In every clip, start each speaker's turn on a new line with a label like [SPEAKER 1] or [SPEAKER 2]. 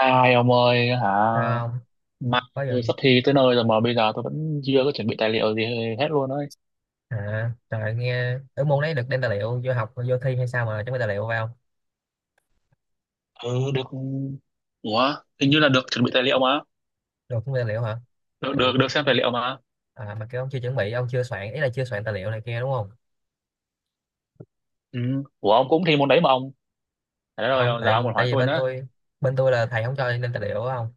[SPEAKER 1] Ai ông ơi hả?
[SPEAKER 2] Không
[SPEAKER 1] Mai
[SPEAKER 2] có vô.
[SPEAKER 1] tôi sắp thi tới nơi rồi mà bây giờ tôi vẫn chưa có chuẩn bị tài liệu gì hết luôn ấy.
[SPEAKER 2] À trời, nghe ở môn đấy được đem tài liệu vô học vô thi hay sao mà chuẩn bị tài liệu vào không?
[SPEAKER 1] Ừ, được. Ủa, hình như là được chuẩn bị tài liệu mà.
[SPEAKER 2] Được chuẩn bị tài liệu hả?
[SPEAKER 1] được được
[SPEAKER 2] Vậy
[SPEAKER 1] được xem tài
[SPEAKER 2] cũng
[SPEAKER 1] liệu mà.
[SPEAKER 2] mà kêu ông chưa chuẩn bị, ông chưa soạn, ý là chưa soạn tài liệu này kia đúng không?
[SPEAKER 1] Ừ. Ủa, ông cũng thi môn đấy mà ông. Trời đất
[SPEAKER 2] Không,
[SPEAKER 1] ơi, giờ ông
[SPEAKER 2] tại
[SPEAKER 1] còn
[SPEAKER 2] tại
[SPEAKER 1] hỏi
[SPEAKER 2] vì
[SPEAKER 1] tôi
[SPEAKER 2] bên
[SPEAKER 1] nữa.
[SPEAKER 2] tôi, bên tôi là thầy không cho nên tài liệu không,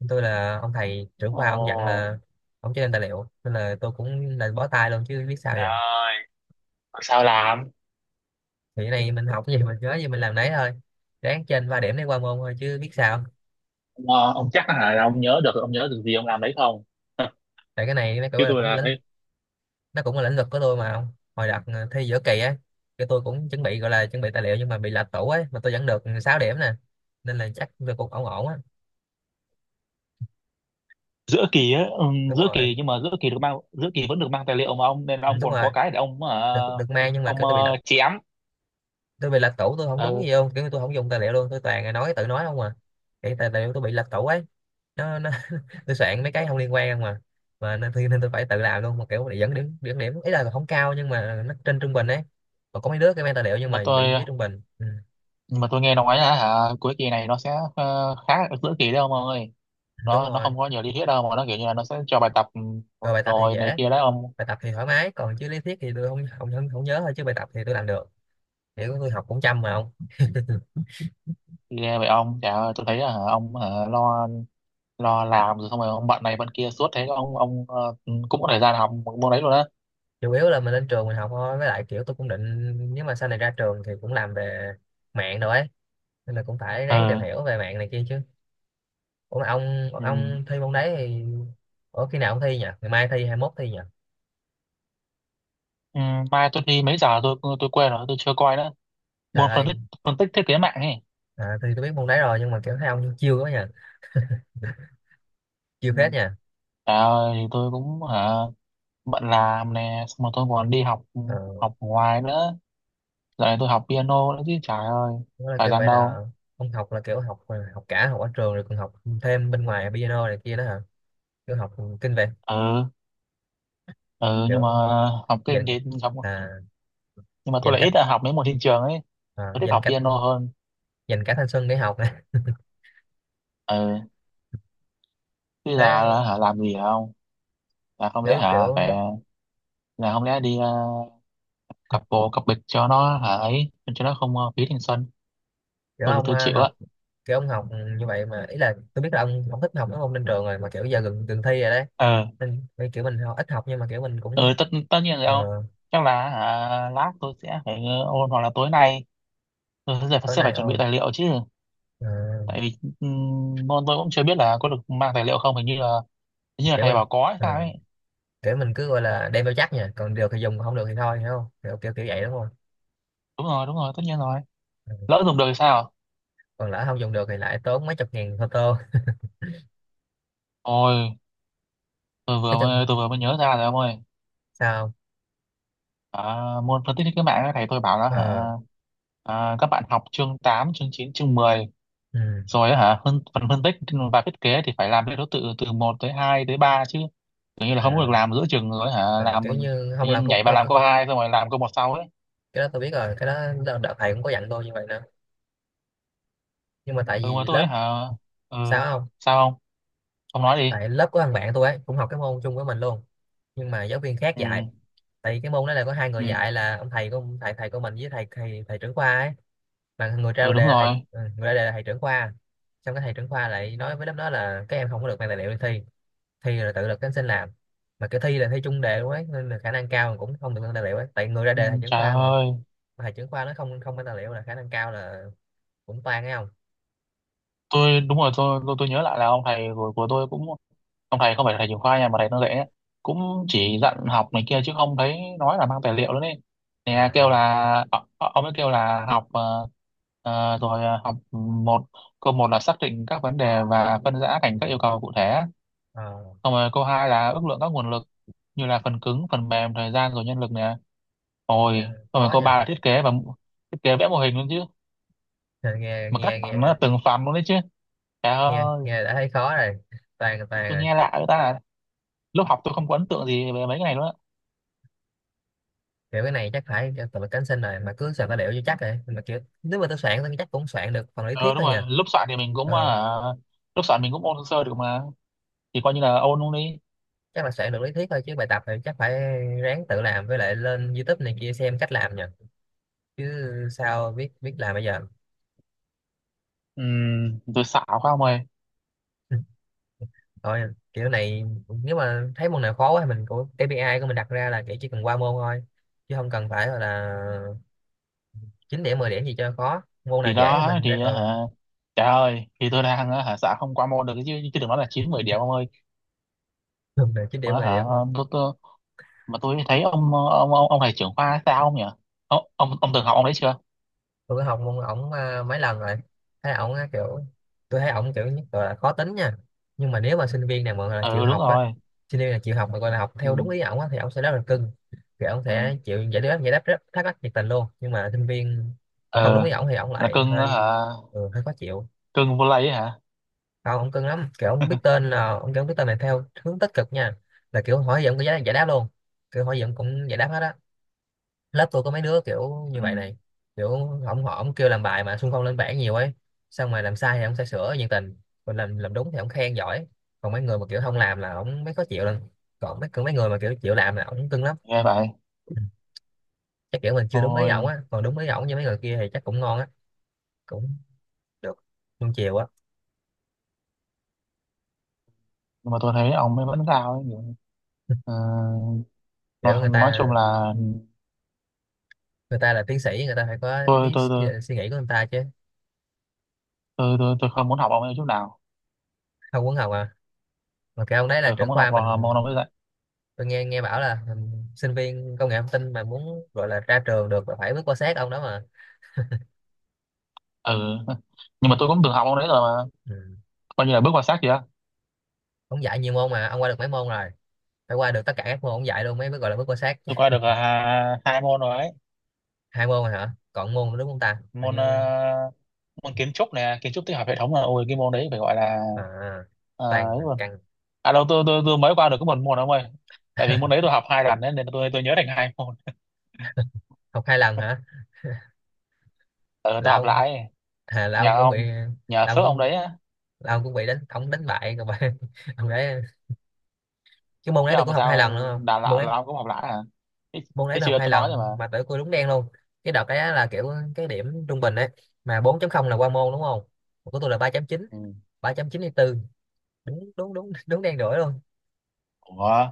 [SPEAKER 2] bên tôi là ông thầy trưởng
[SPEAKER 1] Ồ.
[SPEAKER 2] khoa, ông dặn là ông cho nên tài liệu, nên là tôi cũng là bó tay luôn chứ biết sao giờ.
[SPEAKER 1] Trời ơi, sao làm.
[SPEAKER 2] Thì cái này mình học cái gì mình nhớ gì mình làm đấy thôi, ráng trên ba điểm để qua môn thôi chứ biết sao.
[SPEAKER 1] Ông chắc là hả, ông nhớ được gì ông làm đấy không?
[SPEAKER 2] Tại cái này nó
[SPEAKER 1] Chứ
[SPEAKER 2] gọi là
[SPEAKER 1] tôi
[SPEAKER 2] cũng
[SPEAKER 1] là
[SPEAKER 2] lĩnh,
[SPEAKER 1] thấy.
[SPEAKER 2] nó cũng là lĩnh vực của tôi mà không. Hồi đợt thi giữa kỳ ấy, cái tôi cũng chuẩn bị gọi là chuẩn bị tài liệu nhưng mà bị lệch tủ ấy, mà tôi vẫn được 6 điểm nè, nên là chắc tôi cũng ổn ổn á.
[SPEAKER 1] Giữa kỳ á. Ừ,
[SPEAKER 2] Đúng
[SPEAKER 1] giữa
[SPEAKER 2] rồi.
[SPEAKER 1] kỳ. Nhưng mà giữa kỳ vẫn được mang tài liệu mà ông, nên là
[SPEAKER 2] Ừ,
[SPEAKER 1] ông
[SPEAKER 2] đúng
[SPEAKER 1] còn
[SPEAKER 2] rồi.
[SPEAKER 1] có cái để ông
[SPEAKER 2] Được được mang nhưng mà
[SPEAKER 1] ông
[SPEAKER 2] kiểu tôi bị lệch,
[SPEAKER 1] chém.
[SPEAKER 2] tôi bị lệch tủ, tôi không đúng
[SPEAKER 1] Ừ,
[SPEAKER 2] gì không, kiểu tôi không dùng tài liệu luôn, tôi toàn là nói tự nói không à. Cái tài liệu tôi bị lệch tủ ấy, nó. Tôi soạn mấy cái không liên quan mà, nên tôi phải tự làm luôn, mà kiểu để dẫn điểm, dẫn điểm ý là không cao nhưng mà nó trên trung bình ấy. Còn có mấy đứa cái mang tài liệu nhưng
[SPEAKER 1] nhưng mà
[SPEAKER 2] mà
[SPEAKER 1] tôi
[SPEAKER 2] bị dưới trung bình. Ừ,
[SPEAKER 1] nhưng mà tôi nghe nói là hả cuối kỳ này nó sẽ khá là giữa kỳ đấy ông ơi.
[SPEAKER 2] đúng
[SPEAKER 1] Nó
[SPEAKER 2] rồi.
[SPEAKER 1] không có nhiều lý thuyết đâu, mà nó kiểu như là nó sẽ cho bài tập
[SPEAKER 2] Rồi bài tập thì
[SPEAKER 1] rồi này
[SPEAKER 2] dễ,
[SPEAKER 1] kia đấy ông.
[SPEAKER 2] bài tập thì thoải mái, còn chứ lý thuyết thì tôi không nhớ thôi, chứ bài tập thì tôi làm được, kiểu tôi học cũng chăm mà không.
[SPEAKER 1] Ghê vậy ông chả, tôi thấy là hả, ông hả, lo lo làm rồi xong rồi ông bận này bận kia suốt thế ông cũng có thời gian học một môn đấy luôn á.
[SPEAKER 2] Chủ yếu là mình lên trường mình học thôi, với lại kiểu tôi cũng định nếu mà sau này ra trường thì cũng làm về mạng rồi ấy, nên là cũng phải
[SPEAKER 1] Ừ.
[SPEAKER 2] ráng tìm hiểu về mạng này kia chứ. Ủa mà ông
[SPEAKER 1] Ừ.
[SPEAKER 2] ông thi môn đấy thì ở khi nào ông thi nhỉ? Ngày mai thi, 21 thi nhỉ?
[SPEAKER 1] Ừ, mai tôi đi mấy giờ tôi quên rồi, tôi chưa coi nữa.
[SPEAKER 2] Trời
[SPEAKER 1] Môn
[SPEAKER 2] ơi.
[SPEAKER 1] phân tích thiết kế mạng ấy.
[SPEAKER 2] À, thì tôi biết môn đấy rồi nhưng mà kiểu thấy ông chiêu quá nha, chiêu
[SPEAKER 1] Ừ.
[SPEAKER 2] phết nha.
[SPEAKER 1] Trời ơi, thì tôi cũng hả bận làm nè, xong rồi tôi còn đi học,
[SPEAKER 2] ờ,
[SPEAKER 1] học ngoài nữa. Dạo này tôi học piano đấy chứ, trời ơi,
[SPEAKER 2] Đó là
[SPEAKER 1] thời
[SPEAKER 2] kiểu
[SPEAKER 1] gian
[SPEAKER 2] vậy, là
[SPEAKER 1] đâu.
[SPEAKER 2] ông học là kiểu học, học cả học ở trường rồi còn học thêm bên ngoài piano này kia đó hả? Kiểu học kinh về,
[SPEAKER 1] Ừ. Ừ, nhưng mà
[SPEAKER 2] kiểu
[SPEAKER 1] học kinh
[SPEAKER 2] dành,
[SPEAKER 1] thì học.
[SPEAKER 2] à,
[SPEAKER 1] Nhưng mà tôi
[SPEAKER 2] dành
[SPEAKER 1] lại
[SPEAKER 2] cách,
[SPEAKER 1] ít học mấy môn thị trường ấy. Tôi thích
[SPEAKER 2] dành
[SPEAKER 1] học
[SPEAKER 2] cách,
[SPEAKER 1] piano hơn.
[SPEAKER 2] dành cả thanh xuân để học này.
[SPEAKER 1] Ừ, chứ là,
[SPEAKER 2] Thế
[SPEAKER 1] là hả, làm gì không. là không lẽ
[SPEAKER 2] kiểu,
[SPEAKER 1] hả phải
[SPEAKER 2] kiểu
[SPEAKER 1] là không lẽ đi cặp bồ cặp bịch cho nó hả ấy, cho nó không phí thanh xuân.
[SPEAKER 2] kiểu
[SPEAKER 1] Tôi là
[SPEAKER 2] ông
[SPEAKER 1] tôi chịu á.
[SPEAKER 2] học, kiểu ông học như vậy mà, ý là tôi biết là ông không thích học mấy môn lên trường rồi mà, kiểu giờ gần gần thi rồi đấy,
[SPEAKER 1] Ờ.
[SPEAKER 2] nên nên kiểu mình ít học nhưng mà kiểu mình cũng
[SPEAKER 1] Ừ, tất tất nhiên rồi
[SPEAKER 2] ờ
[SPEAKER 1] không. Chắc là hả, lát tôi sẽ phải ôn hoặc là tối nay tôi sẽ,
[SPEAKER 2] tối
[SPEAKER 1] sẽ phải
[SPEAKER 2] nay.
[SPEAKER 1] chuẩn bị
[SPEAKER 2] Ờ
[SPEAKER 1] tài liệu chứ.
[SPEAKER 2] ờ,
[SPEAKER 1] Tại vì môn tôi cũng chưa biết là có được mang tài liệu không, hình như là. Hình như là
[SPEAKER 2] Kiểu
[SPEAKER 1] thầy
[SPEAKER 2] mình,
[SPEAKER 1] bảo có hay
[SPEAKER 2] ờ,
[SPEAKER 1] sao ấy.
[SPEAKER 2] kiểu mình cứ gọi là đem theo chắc nha, còn được thì dùng còn không được thì thôi, hiểu không, kiểu kiểu kiểu vậy đúng không?
[SPEAKER 1] Đúng rồi, tất nhiên rồi.
[SPEAKER 2] Ừ.
[SPEAKER 1] Lỡ dùng được thì sao?
[SPEAKER 2] Còn lỡ không dùng được thì lại tốn mấy chục ngàn photo.
[SPEAKER 1] Ôi,
[SPEAKER 2] Nói chung.
[SPEAKER 1] tôi vừa mới nhớ ra rồi ông ơi.
[SPEAKER 2] Sao?
[SPEAKER 1] À, môn phân tích thiết kế mạng ấy, thầy tôi bảo là hả,
[SPEAKER 2] ờ
[SPEAKER 1] à, các bạn học chương 8 chương 9 chương 10
[SPEAKER 2] ừ.
[SPEAKER 1] rồi á, hả phần phân tích và thiết kế thì phải làm theo thứ tự từ một tới 2 tới 3 chứ. Tưởng như là không có được
[SPEAKER 2] À.
[SPEAKER 1] làm giữa chừng, rồi hả
[SPEAKER 2] À,
[SPEAKER 1] làm
[SPEAKER 2] kiểu như
[SPEAKER 1] tự
[SPEAKER 2] không làm
[SPEAKER 1] nhiên
[SPEAKER 2] câu
[SPEAKER 1] nhảy vào
[SPEAKER 2] câu.
[SPEAKER 1] làm câu hai xong rồi làm câu một sau ấy.
[SPEAKER 2] Cái đó tôi biết rồi, cái đó đợt đợt thầy cũng có dặn tôi như vậy nữa, nhưng mà tại
[SPEAKER 1] Ừ, mà
[SPEAKER 2] vì lớp.
[SPEAKER 1] tôi hả. Ừ,
[SPEAKER 2] Sao không?
[SPEAKER 1] sao không? Không, nói đi.
[SPEAKER 2] Tại lớp của thằng bạn tôi ấy cũng học cái môn chung với mình luôn, nhưng mà giáo viên khác
[SPEAKER 1] Ừ,
[SPEAKER 2] dạy. Tại vì cái môn đó là có hai người
[SPEAKER 1] ừ,
[SPEAKER 2] dạy, là ông thầy của thầy thầy của mình, với thầy thầy thầy trưởng khoa ấy, mà người ra
[SPEAKER 1] ừ, đúng
[SPEAKER 2] đề là thầy,
[SPEAKER 1] rồi.
[SPEAKER 2] ừ, người ra đề là thầy trưởng khoa. Xong cái thầy trưởng khoa lại nói với lớp đó là các em không có được mang tài liệu đi thi, thi là tự lực cánh sinh làm, mà cái thi là thi chung đề luôn ấy, nên là khả năng cao mà cũng không được mang tài liệu ấy, tại người ra
[SPEAKER 1] Ừ,
[SPEAKER 2] đề là thầy trưởng
[SPEAKER 1] trời
[SPEAKER 2] khoa mà.
[SPEAKER 1] ơi.
[SPEAKER 2] Mà thầy trưởng khoa nó không không mang tài liệu là khả năng cao là cũng toan, nghe không?
[SPEAKER 1] Tôi, đúng rồi, tôi nhớ lại là ông thầy của tôi cũng, ông thầy không phải là thầy trường khoa nha, mà thầy nó dạy ấy, cũng chỉ dặn học này kia chứ không thấy nói là mang tài liệu nữa đấy,
[SPEAKER 2] Ờ,
[SPEAKER 1] nè kêu
[SPEAKER 2] ờ,
[SPEAKER 1] là ông ấy kêu là học học một, câu một là xác định các vấn đề và phân rã thành các yêu cầu cụ thể.
[SPEAKER 2] ờ,
[SPEAKER 1] Xong rồi câu hai là ước lượng các nguồn lực như là phần cứng, phần mềm, thời gian rồi nhân lực nè. Rồi
[SPEAKER 2] nghe.
[SPEAKER 1] xong rồi
[SPEAKER 2] Khó
[SPEAKER 1] câu
[SPEAKER 2] nha.
[SPEAKER 1] ba là thiết kế và thiết kế vẽ mô hình luôn chứ.
[SPEAKER 2] nghe nghe
[SPEAKER 1] Mà các
[SPEAKER 2] nghe
[SPEAKER 1] phần nó là
[SPEAKER 2] nghe
[SPEAKER 1] từng phần luôn đấy chứ, trời ơi.
[SPEAKER 2] Nghe đã thấy khó rồi, toàn toàn
[SPEAKER 1] Tôi
[SPEAKER 2] rồi.
[SPEAKER 1] nghe lạ, người ta lúc học tôi không có ấn tượng gì về mấy cái này nữa.
[SPEAKER 2] Kiểu cái này chắc phải cho tụi mình cánh sinh rồi, mà cứ soạn tài liệu cho chắc rồi, mà kiểu nếu mà tôi soạn thì chắc cũng soạn được phần lý
[SPEAKER 1] Ờ
[SPEAKER 2] thuyết
[SPEAKER 1] đúng
[SPEAKER 2] thôi
[SPEAKER 1] rồi,
[SPEAKER 2] nha.
[SPEAKER 1] lúc soạn thì mình cũng
[SPEAKER 2] ờ,
[SPEAKER 1] lúc soạn mình cũng ôn sơ sơ được mà. Thì coi như là ôn luôn đi.
[SPEAKER 2] Chắc là soạn được lý thuyết thôi, chứ bài tập thì chắc phải ráng tự làm, với lại lên YouTube này kia xem cách làm nha, chứ sao biết biết làm bây giờ.
[SPEAKER 1] Tôi xạo quá ông ơi.
[SPEAKER 2] Thôi kiểu này, nếu mà thấy môn nào khó quá thì mình, của KPI của mình đặt ra là kiểu chỉ cần qua môn thôi, chứ không cần phải gọi là 9 điểm 10 điểm gì cho khó. Môn nào
[SPEAKER 1] Thì
[SPEAKER 2] dễ thì
[SPEAKER 1] đó
[SPEAKER 2] mình ra
[SPEAKER 1] thì hả, trời ơi, thì tôi đang hả xạo không qua môn được chứ chứ đừng nói là chín mười điểm ông ơi.
[SPEAKER 2] Chín điểm
[SPEAKER 1] Mà
[SPEAKER 2] 10
[SPEAKER 1] hả
[SPEAKER 2] điểm luôn.
[SPEAKER 1] tôi, mà tôi thấy ông ông thầy trưởng khoa sao không nhỉ? Ông từng học ông đấy chưa?
[SPEAKER 2] Tôi có học môn ổng mấy lần rồi, thấy ổng á, kiểu tôi thấy ổng kiểu nhất là khó tính nha, nhưng mà nếu mà sinh viên nào mà gọi là chịu
[SPEAKER 1] Ừ, đúng
[SPEAKER 2] học á,
[SPEAKER 1] rồi.
[SPEAKER 2] sinh viên là chịu học mà gọi là học
[SPEAKER 1] Ừ.
[SPEAKER 2] theo đúng ý ổng á, thì ổng sẽ rất là cưng, kiểu ổng
[SPEAKER 1] Ừ.
[SPEAKER 2] sẽ chịu giải đáp rất thắc mắc nhiệt tình luôn, nhưng mà sinh viên mà không đúng ý
[SPEAKER 1] Ờ,
[SPEAKER 2] ổng thì ổng
[SPEAKER 1] là
[SPEAKER 2] lại
[SPEAKER 1] cưng. Ờ, Hả,
[SPEAKER 2] hơi, ừ, hơi khó chịu.
[SPEAKER 1] cưng vô lây ấy hả?
[SPEAKER 2] Không, ổng cưng lắm, kiểu ổng biết tên là ổng kiểu biết tên này theo hướng tích cực nha, là kiểu hỏi gì ổng cũng giải giải đáp luôn, kiểu hỏi gì ổng cũng giải đáp hết á. Lớp tôi có mấy đứa kiểu
[SPEAKER 1] Ừ,
[SPEAKER 2] như vậy này, kiểu ổng kêu làm bài mà xung phong lên bảng nhiều ấy, xong mà làm sai thì ổng sẽ sửa nhiệt tình, còn làm đúng thì ổng khen giỏi, còn mấy người mà kiểu không làm là ổng mới khó chịu lên, còn mấy người mà kiểu chịu làm là ổng cưng lắm.
[SPEAKER 1] nghe vậy
[SPEAKER 2] Ừ, chắc kiểu mình chưa đúng ý ổng
[SPEAKER 1] thôi.
[SPEAKER 2] á, còn đúng ý ổng như mấy người kia thì chắc cũng ngon á, cũng được luôn chiều á.
[SPEAKER 1] Nhưng mà tôi thấy ông ấy vẫn sao ấy. Ờ,
[SPEAKER 2] Kiểu người
[SPEAKER 1] nói chung
[SPEAKER 2] ta,
[SPEAKER 1] là
[SPEAKER 2] người ta là tiến sĩ, người ta phải có
[SPEAKER 1] tôi
[SPEAKER 2] ý,
[SPEAKER 1] tôi
[SPEAKER 2] ý
[SPEAKER 1] tôi
[SPEAKER 2] định suy nghĩ của người ta chứ.
[SPEAKER 1] tôi không muốn học ông ấy chút nào.
[SPEAKER 2] Không quấn học à? Mà cái ông đấy là
[SPEAKER 1] Tôi không
[SPEAKER 2] trưởng
[SPEAKER 1] muốn học
[SPEAKER 2] khoa
[SPEAKER 1] vào môn
[SPEAKER 2] mình.
[SPEAKER 1] ông ấy dạy.
[SPEAKER 2] Tôi nghe nghe bảo là, ừ, sinh viên công nghệ thông tin mà muốn gọi là ra trường được là phải bước qua sát ông đó mà.
[SPEAKER 1] Ừ. Nhưng mà tôi cũng từng học ông đấy rồi mà,
[SPEAKER 2] Ừ.
[SPEAKER 1] coi như là bước vào xác kìa.
[SPEAKER 2] Ông dạy nhiều môn mà, ông qua được mấy môn rồi? Phải qua được tất cả các môn ông dạy luôn mới mới gọi là bước qua sát chứ.
[SPEAKER 1] Tôi qua được à, hai môn rồi ấy.
[SPEAKER 2] Hai môn rồi hả, còn môn nữa đúng không ta, hình
[SPEAKER 1] Môn
[SPEAKER 2] như
[SPEAKER 1] môn kiến trúc nè, kiến trúc tích hợp hệ thống, là ôi cái môn đấy phải gọi là
[SPEAKER 2] à, toàn
[SPEAKER 1] ấy luôn.
[SPEAKER 2] cần.
[SPEAKER 1] À đâu, tôi mới qua được có một môn ông ơi. Tại vì môn đấy tôi học hai lần ấy, nên tôi nhớ thành hai môn.
[SPEAKER 2] Học 2 lần hả?
[SPEAKER 1] Ừ, tôi
[SPEAKER 2] Là
[SPEAKER 1] học
[SPEAKER 2] ông,
[SPEAKER 1] lại.
[SPEAKER 2] à, là
[SPEAKER 1] nhờ
[SPEAKER 2] ông cũng bị,
[SPEAKER 1] ông Nhờ
[SPEAKER 2] là ông
[SPEAKER 1] phước ông
[SPEAKER 2] cũng,
[SPEAKER 1] đấy á.
[SPEAKER 2] là ông cũng bị đánh, ông đánh bại rồi mà. Ông đấy, cái môn
[SPEAKER 1] Chứ
[SPEAKER 2] đấy tôi
[SPEAKER 1] ông thì
[SPEAKER 2] cũng học hai
[SPEAKER 1] sao?
[SPEAKER 2] lần nữa, không,
[SPEAKER 1] Đào
[SPEAKER 2] môn
[SPEAKER 1] tạo
[SPEAKER 2] đấy,
[SPEAKER 1] là ông cũng học lại à? thế,
[SPEAKER 2] môn đấy
[SPEAKER 1] Thế
[SPEAKER 2] tôi học
[SPEAKER 1] chưa,
[SPEAKER 2] hai
[SPEAKER 1] tôi nói rồi
[SPEAKER 2] lần
[SPEAKER 1] mà.
[SPEAKER 2] mà tới tôi đúng đen luôn. Cái đợt đấy á là kiểu cái điểm trung bình đấy, mà bốn chấm không là qua môn đúng không, của tôi là ba ba chấm chín,
[SPEAKER 1] Ừ.
[SPEAKER 2] ba chấm chín 3 tư. Đúng đúng đúng, đúng đen đuổi luôn.
[SPEAKER 1] Ủa,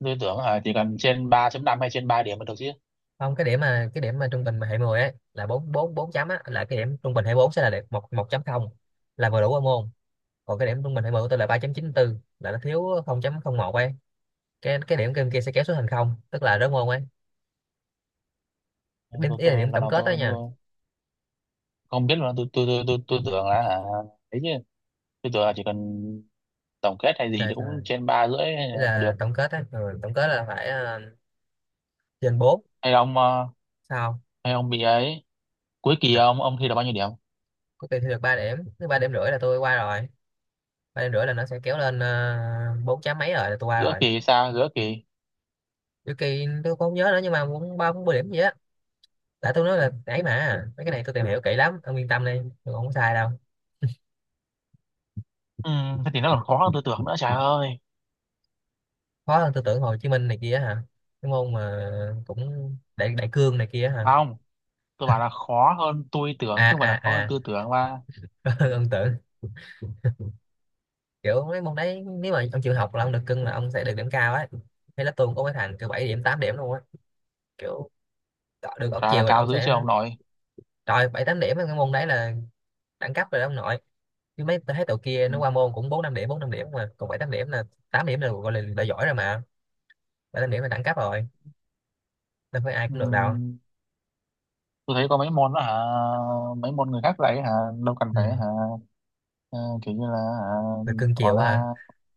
[SPEAKER 1] tôi tưởng à, chỉ cần trên 3,5 hay trên 3 điểm là được chứ.
[SPEAKER 2] Không, cái điểm mà trung bình mà hệ 10 ấy là 4 4 4 chấm á, là cái điểm trung bình hệ 4 sẽ là điểm một một chấm không, là vừa đủ qua môn. Còn cái điểm trung bình hệ 10 của tôi là ba chấm chín tư, là nó thiếu không chấm không một ấy, cái điểm kia kia sẽ kéo xuống thành không, tức là rớt môn ấy. Điểm, ý là
[SPEAKER 1] Tôi,
[SPEAKER 2] điểm
[SPEAKER 1] lần
[SPEAKER 2] tổng
[SPEAKER 1] nào
[SPEAKER 2] kết đó
[SPEAKER 1] tôi,
[SPEAKER 2] nha.
[SPEAKER 1] tôi không biết mà tôi tưởng là à, ấy chứ. Tôi tưởng là chỉ cần tổng kết hay gì
[SPEAKER 2] Trời
[SPEAKER 1] thì cũng
[SPEAKER 2] trời.
[SPEAKER 1] trên 3 rưỡi hay
[SPEAKER 2] Ý
[SPEAKER 1] là được.
[SPEAKER 2] là tổng kết á, ừ, tổng kết là phải ờ, trên bốn.
[SPEAKER 1] Hay là ông ờ,
[SPEAKER 2] Sao?
[SPEAKER 1] Hay ông bị ấy, cuối kỳ
[SPEAKER 2] Trời,
[SPEAKER 1] ông thi được bao nhiêu điểm?
[SPEAKER 2] cuối kỳ thi được 3 điểm, nếu ba điểm rưỡi là tôi qua rồi, ba điểm rưỡi là nó sẽ kéo lên ờ, bốn chấm mấy rồi là tôi qua
[SPEAKER 1] Giữa
[SPEAKER 2] rồi.
[SPEAKER 1] kỳ hay sao? Giữa kỳ.
[SPEAKER 2] Đôi kỳ tôi cũng không nhớ nữa, nhưng mà cũng ba bốn mươi điểm gì á. Tại tôi nói là ấy mà, mấy cái này tôi tìm hiểu kỹ lắm, ông yên tâm đi, tôi không có sai đâu.
[SPEAKER 1] Ừ, thế thì nó còn khó hơn tôi tưởng nữa, trời ơi.
[SPEAKER 2] Khó hơn tôi tưởng Hồ Chí Minh này kia hả, cái môn mà cũng đại đại cương này kia hả?
[SPEAKER 1] Không, tôi bảo là khó hơn tôi tưởng chứ
[SPEAKER 2] À
[SPEAKER 1] không phải
[SPEAKER 2] à
[SPEAKER 1] là khó hơn
[SPEAKER 2] à,
[SPEAKER 1] tôi tưởng mà.
[SPEAKER 2] ông tưởng kiểu mấy môn đấy nếu mà ông chịu học là ông được cưng, là ông sẽ được điểm cao ấy. Hay là tôi cũng có mấy thằng kiểu 7 điểm 8 điểm luôn á, kiểu được ở
[SPEAKER 1] Trời là
[SPEAKER 2] chiều là
[SPEAKER 1] cao
[SPEAKER 2] ông
[SPEAKER 1] dữ chưa
[SPEAKER 2] sẽ.
[SPEAKER 1] ông nội.
[SPEAKER 2] Trời, bảy tám điểm ở cái môn đấy là đẳng cấp rồi đó ông nội. Chứ mấy tôi thấy tụi kia nó
[SPEAKER 1] Ừ.
[SPEAKER 2] qua môn cũng bốn năm điểm, mà còn bảy tám điểm là, tám điểm là gọi là đã giỏi rồi mà, bảy tám điểm là đẳng cấp rồi, đâu phải ai
[SPEAKER 1] Ừ.
[SPEAKER 2] cũng được đâu.
[SPEAKER 1] Tôi thấy có mấy môn đó hả, mấy môn người khác dạy hả, đâu cần phải
[SPEAKER 2] Ừ.
[SPEAKER 1] hả ờ, kiểu như là hả,
[SPEAKER 2] Được cưng
[SPEAKER 1] tỏ
[SPEAKER 2] chiều quá hả?
[SPEAKER 1] ra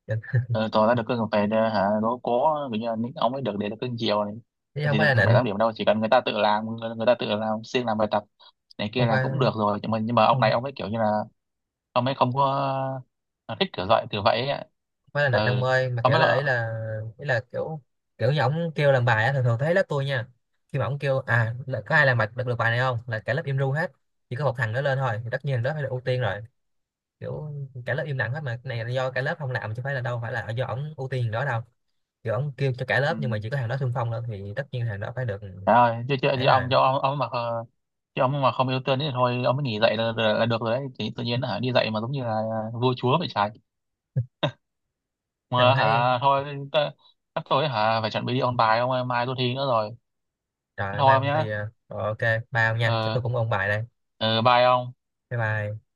[SPEAKER 2] Định-
[SPEAKER 1] ờ, tỏ ra được cái về để, hả đố cố, kiểu như là những ông ấy được để được cưng chiều này
[SPEAKER 2] Chứ không
[SPEAKER 1] thì
[SPEAKER 2] phải
[SPEAKER 1] được
[SPEAKER 2] là
[SPEAKER 1] bảy
[SPEAKER 2] nịnh,
[SPEAKER 1] tám điểm đâu, chỉ cần người ta tự làm, người ta tự làm siêng làm bài tập này kia
[SPEAKER 2] không
[SPEAKER 1] là
[SPEAKER 2] phải,
[SPEAKER 1] cũng được
[SPEAKER 2] không,
[SPEAKER 1] rồi, nhưng mà ông này
[SPEAKER 2] không
[SPEAKER 1] ông ấy kiểu như là ông ấy không có ờ, thích kiểu dạy kiểu vậy ấy ạ.
[SPEAKER 2] phải là nịnh ông
[SPEAKER 1] Ừ,
[SPEAKER 2] ơi, mà
[SPEAKER 1] ông
[SPEAKER 2] kiểu
[SPEAKER 1] ấy
[SPEAKER 2] là ý là, kiểu kiểu như ổng kêu làm bài á, thường thường thấy lớp tôi nha, khi mà ổng kêu à là có ai làm bài được bài này không, là cả lớp im ru hết, chỉ có một thằng nó lên thôi thì tất nhiên đó phải là ưu tiên rồi. Kiểu cả lớp im lặng hết mà, cái này là do cả lớp không làm chứ phải là, đâu phải là do ổng ưu tiên đó đâu. Kiểu ổng kêu cho cả lớp
[SPEAKER 1] ừ.
[SPEAKER 2] nhưng mà chỉ có thằng đó xung phong lên thì tất nhiên thằng đó phải được.
[SPEAKER 1] Trời ơi chứ chứ, chứ
[SPEAKER 2] Ấy
[SPEAKER 1] ông
[SPEAKER 2] rồi.
[SPEAKER 1] cho ông mà chứ ông mà không yêu thương thì thôi ông mới nghỉ dạy là được rồi đấy, thì tự nhiên hả đi dạy mà giống như là à, vua chúa vậy trái.
[SPEAKER 2] Tôi
[SPEAKER 1] Mà
[SPEAKER 2] thấy.
[SPEAKER 1] hả thôi ta, chắc tôi hả phải chuẩn bị đi ôn bài ông ơi, mai tôi thi nữa rồi. Thế
[SPEAKER 2] Trời,
[SPEAKER 1] thôi
[SPEAKER 2] mai
[SPEAKER 1] ông
[SPEAKER 2] ông
[SPEAKER 1] nhá.
[SPEAKER 2] thi à. Rồi, ok bao nha, chắc
[SPEAKER 1] Ờ.
[SPEAKER 2] tôi cũng ôn bài đây.
[SPEAKER 1] Ờ, bye ông.
[SPEAKER 2] Bye bye.